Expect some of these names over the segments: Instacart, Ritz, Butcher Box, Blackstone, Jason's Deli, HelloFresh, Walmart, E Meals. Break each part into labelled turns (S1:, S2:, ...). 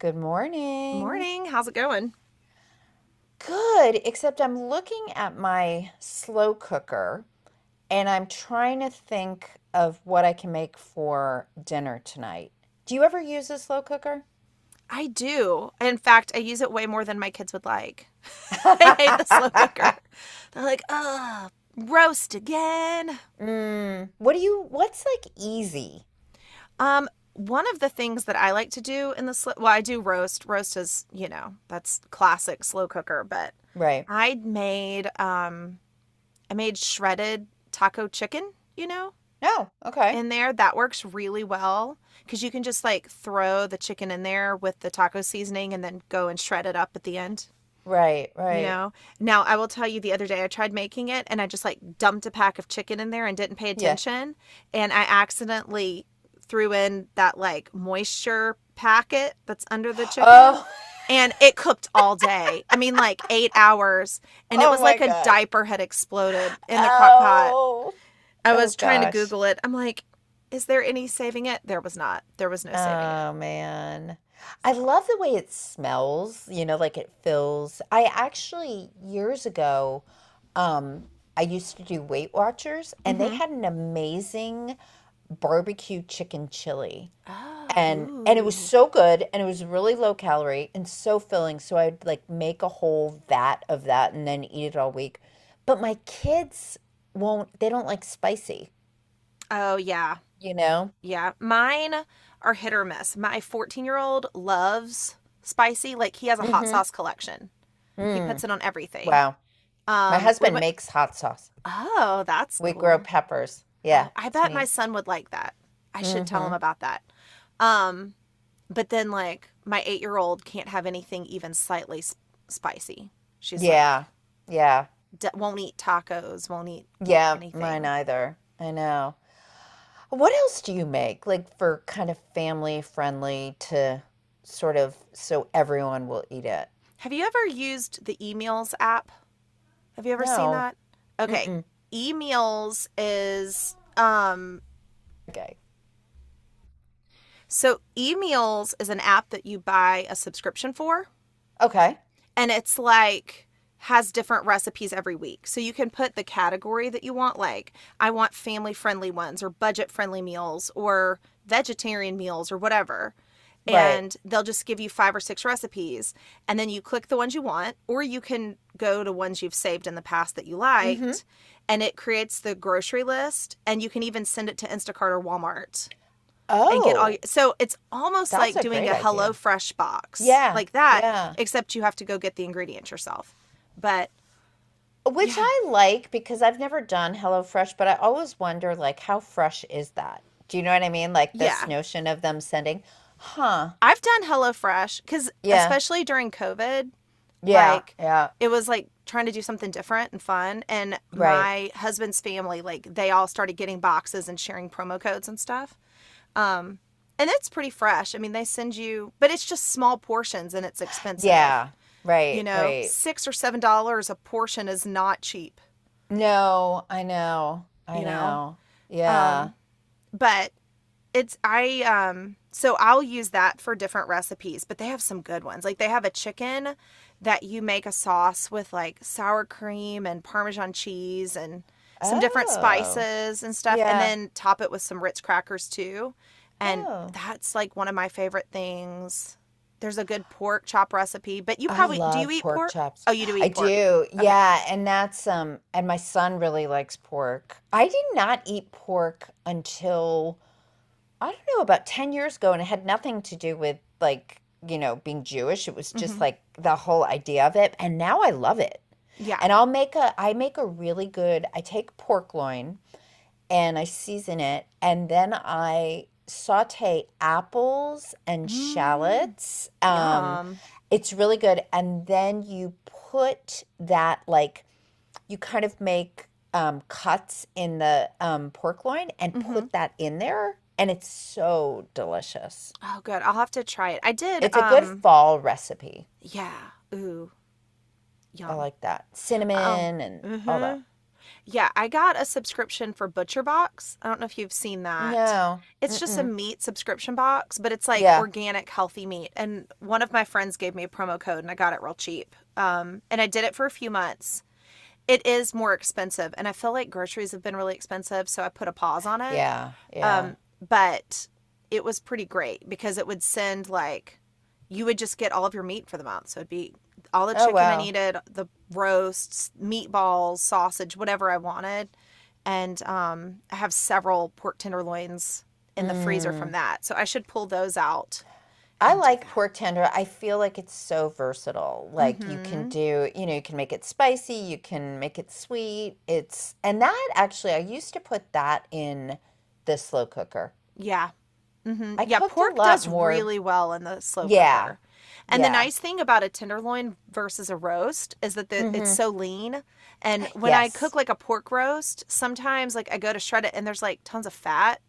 S1: Good morning.
S2: Morning. How's it going?
S1: Good, except I'm looking at my slow cooker and I'm trying to think of what I can make for dinner tonight. Do you ever use a slow cooker?
S2: I do. In fact, I use it way more than my kids would like. They hate the slow cooker. They're like, ugh, roast again.
S1: What's like easy?
S2: Um, One of the things that I like to do in the slow, well, I do roast. Roast is, you know, that's classic slow cooker. But
S1: Right.
S2: I made, um, I made shredded taco chicken. You know,
S1: Oh, okay.
S2: in there that works really well because you can just like throw the chicken in there with the taco seasoning and then go and shred it up at the end.
S1: Right,
S2: you
S1: right.
S2: know Now I will tell you, the other day I tried making it and I just like dumped a pack of chicken in there and didn't pay
S1: Yeah.
S2: attention, and I accidentally threw in that like moisture packet that's under the chicken,
S1: Oh,
S2: and it cooked all day, I mean like 8 hours, and it
S1: oh
S2: was
S1: my
S2: like a
S1: gosh.
S2: diaper had exploded in the crock pot.
S1: Oh,
S2: I
S1: oh
S2: was trying to
S1: gosh.
S2: google it, I'm like, is there any saving it? There was not. There was no saving it.
S1: Oh man. I love the way it smells, you know, like it fills. I actually years ago, um, I used to do Weight Watchers and they
S2: Mm-hmm.
S1: had an amazing barbecue chicken chili.
S2: Oh,
S1: And it was
S2: ooh.
S1: so good and it was really low calorie and so filling. So I'd like make a whole vat of that and then eat it all week. But my kids won't, they don't like spicy,
S2: Oh, yeah.
S1: you know?
S2: Yeah, mine are hit or miss. My 14-year-old loves spicy. Like he has a hot
S1: Mm-hmm.
S2: sauce collection. He
S1: Mm.
S2: puts it on everything.
S1: Wow. My
S2: We
S1: husband
S2: went.
S1: makes hot sauce.
S2: Oh, that's
S1: We grow
S2: cool.
S1: peppers. Yeah,
S2: Oh, I
S1: it's
S2: bet my
S1: neat.
S2: son would like that. I should tell him
S1: Hmm.
S2: about that. Um, but then like my 8 year old can't have anything even slightly spicy. She's like,
S1: Yeah, yeah,
S2: won't eat tacos, won't eat
S1: yeah, mine
S2: anything.
S1: either. I know. What else do you make, like for kind of family friendly to sort of so everyone will eat it?
S2: Have you ever used the emails app? Have you ever seen
S1: No.
S2: that? Okay.
S1: Mm-mm.
S2: E Meals is
S1: Okay.
S2: so E Meals is an app that you buy a subscription for,
S1: Okay.
S2: and it's like has different recipes every week. So you can put the category that you want, like I want family friendly ones or budget friendly meals or vegetarian meals or whatever.
S1: Right.
S2: And they'll just give you five or six recipes, and then you click the ones you want, or you can go to ones you've saved in the past that you
S1: Hmm.
S2: liked, and it creates the grocery list, and you can even send it to Instacart or Walmart and get all your,
S1: Oh,
S2: so it's almost
S1: that's
S2: like
S1: a
S2: doing
S1: great
S2: a
S1: idea.
S2: HelloFresh box
S1: Yeah,
S2: like that,
S1: yeah.
S2: except you have to go get the ingredients yourself, but
S1: Which
S2: yeah,
S1: I like because I've never done HelloFresh, but I always wonder, like, how fresh is that? Do you know what I mean? Like this
S2: yeah,
S1: notion of them sending, huh?
S2: I've done HelloFresh because
S1: Yeah,
S2: especially during COVID,
S1: yeah,
S2: like
S1: yeah,
S2: it was like trying to do something different and fun, and
S1: right.
S2: my husband's family, like they all started getting boxes and sharing promo codes and stuff. And it's pretty fresh, I mean they send you, but it's just small portions and it's expensive.
S1: Yeah,
S2: You
S1: right,
S2: know,
S1: right.
S2: $6 or $7 a portion is not cheap,
S1: No, I know, I
S2: you know
S1: know. Yeah.
S2: but it's I so I'll use that for different recipes. But they have some good ones, like they have a chicken that you make a sauce with, like sour cream and parmesan cheese and some different
S1: Oh,
S2: spices and stuff, and
S1: yeah.
S2: then top it with some ritz crackers too, and
S1: Oh.
S2: that's like one of my favorite things. There's a good pork chop recipe, but you
S1: I
S2: probably, do you
S1: love
S2: eat
S1: pork
S2: pork?
S1: chops.
S2: Oh, you do
S1: I
S2: eat pork.
S1: do.
S2: Okay.
S1: Yeah, and that's and my son really likes pork. I did not eat pork until I don't know, about 10 years ago, and it had nothing to do with like, you know, being Jewish. It was just
S2: Mm-hmm.
S1: like the whole idea of it. And now I love it.
S2: Yeah.
S1: And I make a really good, I take pork loin and I season it, and then I saute apples and
S2: Mm,
S1: shallots.
S2: yum.
S1: It's really good. And then you put that like you kind of make cuts in the pork loin and
S2: Mm-hmm.
S1: put that in there, and it's so delicious.
S2: Oh, good. I'll have to try it. I did.
S1: It's a good fall recipe.
S2: Yeah. Ooh,
S1: I
S2: yum.
S1: like that.
S2: Oh,
S1: Cinnamon and all
S2: mm-hmm.
S1: that.
S2: Yeah, I got a subscription for Butcher Box. I don't know if you've seen that.
S1: No.
S2: It's just a
S1: Mm-mm.
S2: meat subscription box, but it's like
S1: Yeah.
S2: organic, healthy meat. And one of my friends gave me a promo code, and I got it real cheap. And I did it for a few months. It is more expensive, and I feel like groceries have been really expensive, so I put a pause on it.
S1: Yeah. Yeah.
S2: But it was pretty great because it would send like, you would just get all of your meat for the month. So it'd be all the
S1: Oh,
S2: chicken I
S1: wow.
S2: needed, the roasts, meatballs, sausage, whatever I wanted. And I have several pork tenderloins in the freezer from
S1: Mm.
S2: that. So I should pull those out
S1: I
S2: and do
S1: like
S2: that.
S1: pork tender. I feel like it's so versatile.
S2: Mm
S1: Like you can
S2: hmm.
S1: do, you know, you can make it spicy, you can make it sweet. And that actually, I used to put that in the slow cooker.
S2: Yeah. Hmm.
S1: I
S2: Yeah,
S1: cooked a
S2: pork
S1: lot
S2: does
S1: more.
S2: really well in the slow
S1: Yeah.
S2: cooker. And the
S1: Yeah.
S2: nice thing about a tenderloin versus a roast is that the, it's
S1: Mm-hmm.
S2: so lean. And when I cook
S1: Yes.
S2: like a pork roast, sometimes like I go to shred it and there's like tons of fat,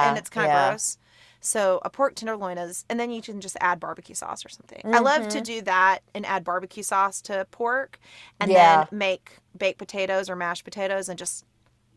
S2: and it's kind of
S1: Yeah.
S2: gross. So a pork tenderloin is, and then you can just add barbecue sauce or something. I love to
S1: Mm-hmm.
S2: do that and add barbecue sauce to pork and then
S1: Yeah.
S2: make baked potatoes or mashed potatoes and just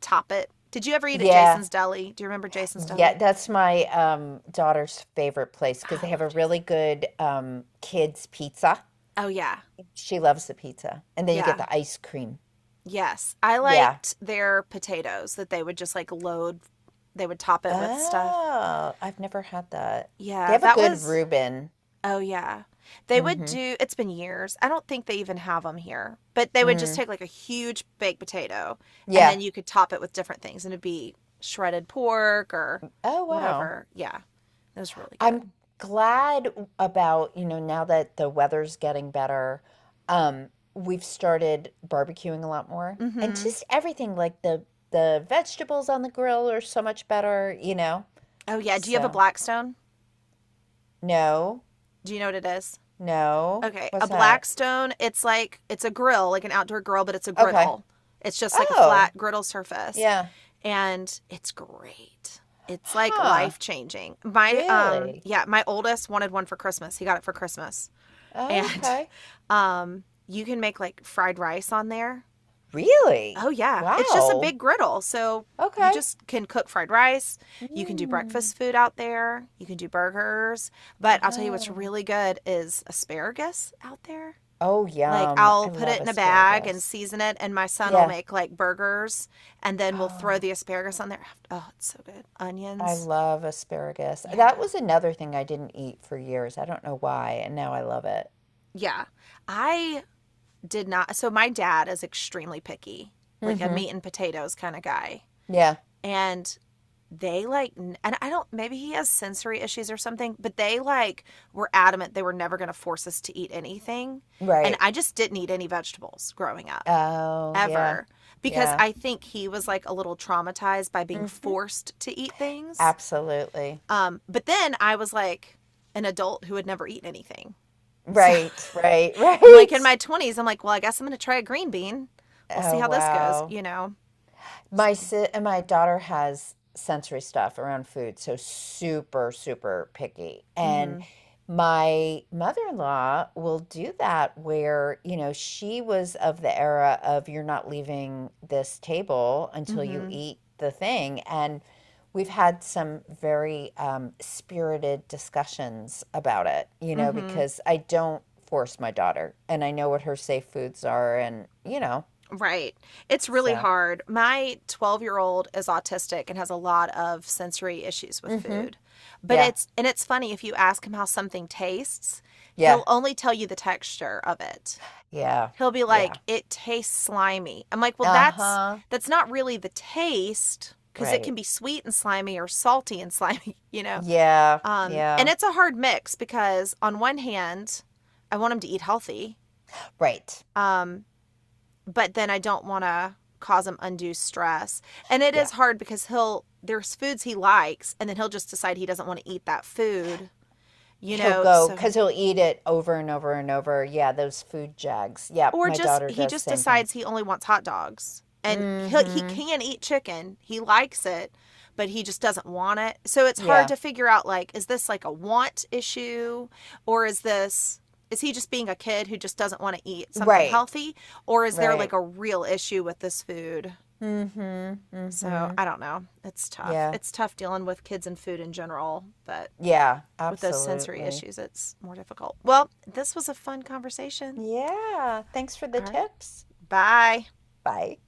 S2: top it. Did you ever eat at
S1: Yeah.
S2: Jason's Deli? Do you remember Jason's
S1: Yeah.
S2: Deli?
S1: That's my daughter's favorite place because
S2: I
S1: they have
S2: love
S1: a
S2: Jason.
S1: really good kids pizza.
S2: Oh yeah.
S1: She loves the pizza. And then you get
S2: Yeah.
S1: the ice cream.
S2: Yes. I
S1: Yeah.
S2: liked their potatoes that they would just like load, they would top it with stuff.
S1: Oh, I've never had that. They
S2: Yeah,
S1: have a
S2: that
S1: good
S2: was,
S1: Reuben.
S2: oh yeah. They would
S1: Mm-hmm.
S2: do, it's been years. I don't think they even have them here. But they would just
S1: Mm.
S2: take like a huge baked potato, and then
S1: Yeah.
S2: you could top it with different things and it'd be shredded pork or
S1: Oh, wow.
S2: whatever. Yeah. It was really good.
S1: I'm glad about, you know, now that the weather's getting better, um, we've started barbecuing a lot more. And
S2: Mhm.
S1: just everything, like the vegetables on the grill are so much better, you know?
S2: Oh yeah, do you have a
S1: So,
S2: Blackstone?
S1: no,
S2: Do you know what it is?
S1: no.
S2: Okay, a
S1: What's that?
S2: Blackstone. It's like it's a grill, like an outdoor grill, but it's a
S1: Okay.
S2: griddle. It's just like a
S1: Oh,
S2: flat griddle surface,
S1: yeah.
S2: and it's great. It's like
S1: Huh.
S2: life changing. My
S1: Really?
S2: yeah, my oldest wanted one for Christmas. He got it for Christmas, and
S1: Okay.
S2: you can make like fried rice on there. Oh
S1: Really?
S2: yeah, it's just a
S1: Wow.
S2: big griddle, so you
S1: Okay.
S2: just can cook fried rice. You can do
S1: Mm.
S2: breakfast food out there. You can do burgers. But I'll tell you what's
S1: Ah.
S2: really good is asparagus out there.
S1: Oh,
S2: Like
S1: yum. I
S2: I'll put it
S1: love
S2: in a bag and
S1: asparagus.
S2: season it, and my son will
S1: Yeah.
S2: make like burgers, and then we'll throw
S1: Oh,
S2: the asparagus on there. Oh, it's so good.
S1: I
S2: Onions.
S1: love asparagus. That
S2: Yeah.
S1: was another thing I didn't eat for years. I don't know why, and now I love it.
S2: Yeah. I did not. So my dad is extremely picky, like a
S1: Mhm.
S2: meat and potatoes kind of guy.
S1: Yeah.
S2: And they like, and I don't, maybe he has sensory issues or something, but they like were adamant they were never going to force us to eat anything. And
S1: Right.
S2: I just didn't eat any vegetables growing up.
S1: Oh, yeah.
S2: Ever, because
S1: Yeah.
S2: I think he was like a little traumatized by being
S1: Mhm.
S2: forced to eat things.
S1: Absolutely.
S2: But then I was like an adult who had never eaten anything. So
S1: Right, right,
S2: I'm like in
S1: right.
S2: my 20s, I'm like, well, I guess I'm going to try a green bean. We'll see
S1: Oh,
S2: how this goes,
S1: wow.
S2: you know? So,
S1: And my daughter has sensory stuff around food, so super, super picky.
S2: mm
S1: And
S2: hmm,
S1: my mother-in-law will do that where, you know, she was of the era of you're not leaving this table
S2: mm
S1: until you
S2: hmm,
S1: eat the thing. And we've had some very spirited discussions about it, you
S2: mm
S1: know,
S2: hmm.
S1: because I don't force my daughter and I know what her safe foods are and, you know,
S2: Right. It's really
S1: so.
S2: hard. My 12-year-old is autistic and has a lot of sensory issues with
S1: Mm hmm
S2: food. But
S1: Yeah.
S2: it's, and it's funny, if you ask him how something tastes, he'll
S1: Yeah.
S2: only tell you the texture of it.
S1: Yeah.
S2: He'll be
S1: Yeah.
S2: like, it tastes slimy. I'm like, well,
S1: Uh-huh.
S2: that's not really the taste, because it
S1: Right.
S2: can be sweet and slimy or salty and slimy, you know?
S1: Yeah.
S2: And
S1: Yeah.
S2: it's a hard mix, because on one hand, I want him to eat healthy.
S1: Right.
S2: Um, but then I don't want to cause him undue stress. And it
S1: Yeah.
S2: is hard, because he'll, there's foods he likes and then he'll just decide he doesn't want to eat that food, you
S1: He'll
S2: know,
S1: go
S2: so
S1: because he'll eat it over and over and over. Yeah, those food jags. Yeah,
S2: or
S1: my
S2: just
S1: daughter
S2: he
S1: does
S2: just
S1: same
S2: decides
S1: things.
S2: he only wants hot dogs. And he
S1: Mm-hmm.
S2: can eat chicken. He likes it, but he just doesn't want it. So it's hard
S1: Yeah.
S2: to figure out like is this like a want issue, or is this, is he just being a kid who just doesn't want to eat something
S1: Right.
S2: healthy, or is there like
S1: Right.
S2: a real issue with this food?
S1: Mm-hmm.
S2: So
S1: Mm-hmm.
S2: I don't know. It's tough.
S1: Yeah.
S2: It's tough dealing with kids and food in general, but
S1: Yeah.
S2: with those sensory
S1: Absolutely.
S2: issues, it's more difficult. Well, this was a fun conversation.
S1: Yeah. Thanks for the
S2: All right.
S1: tips.
S2: Bye.
S1: Bye.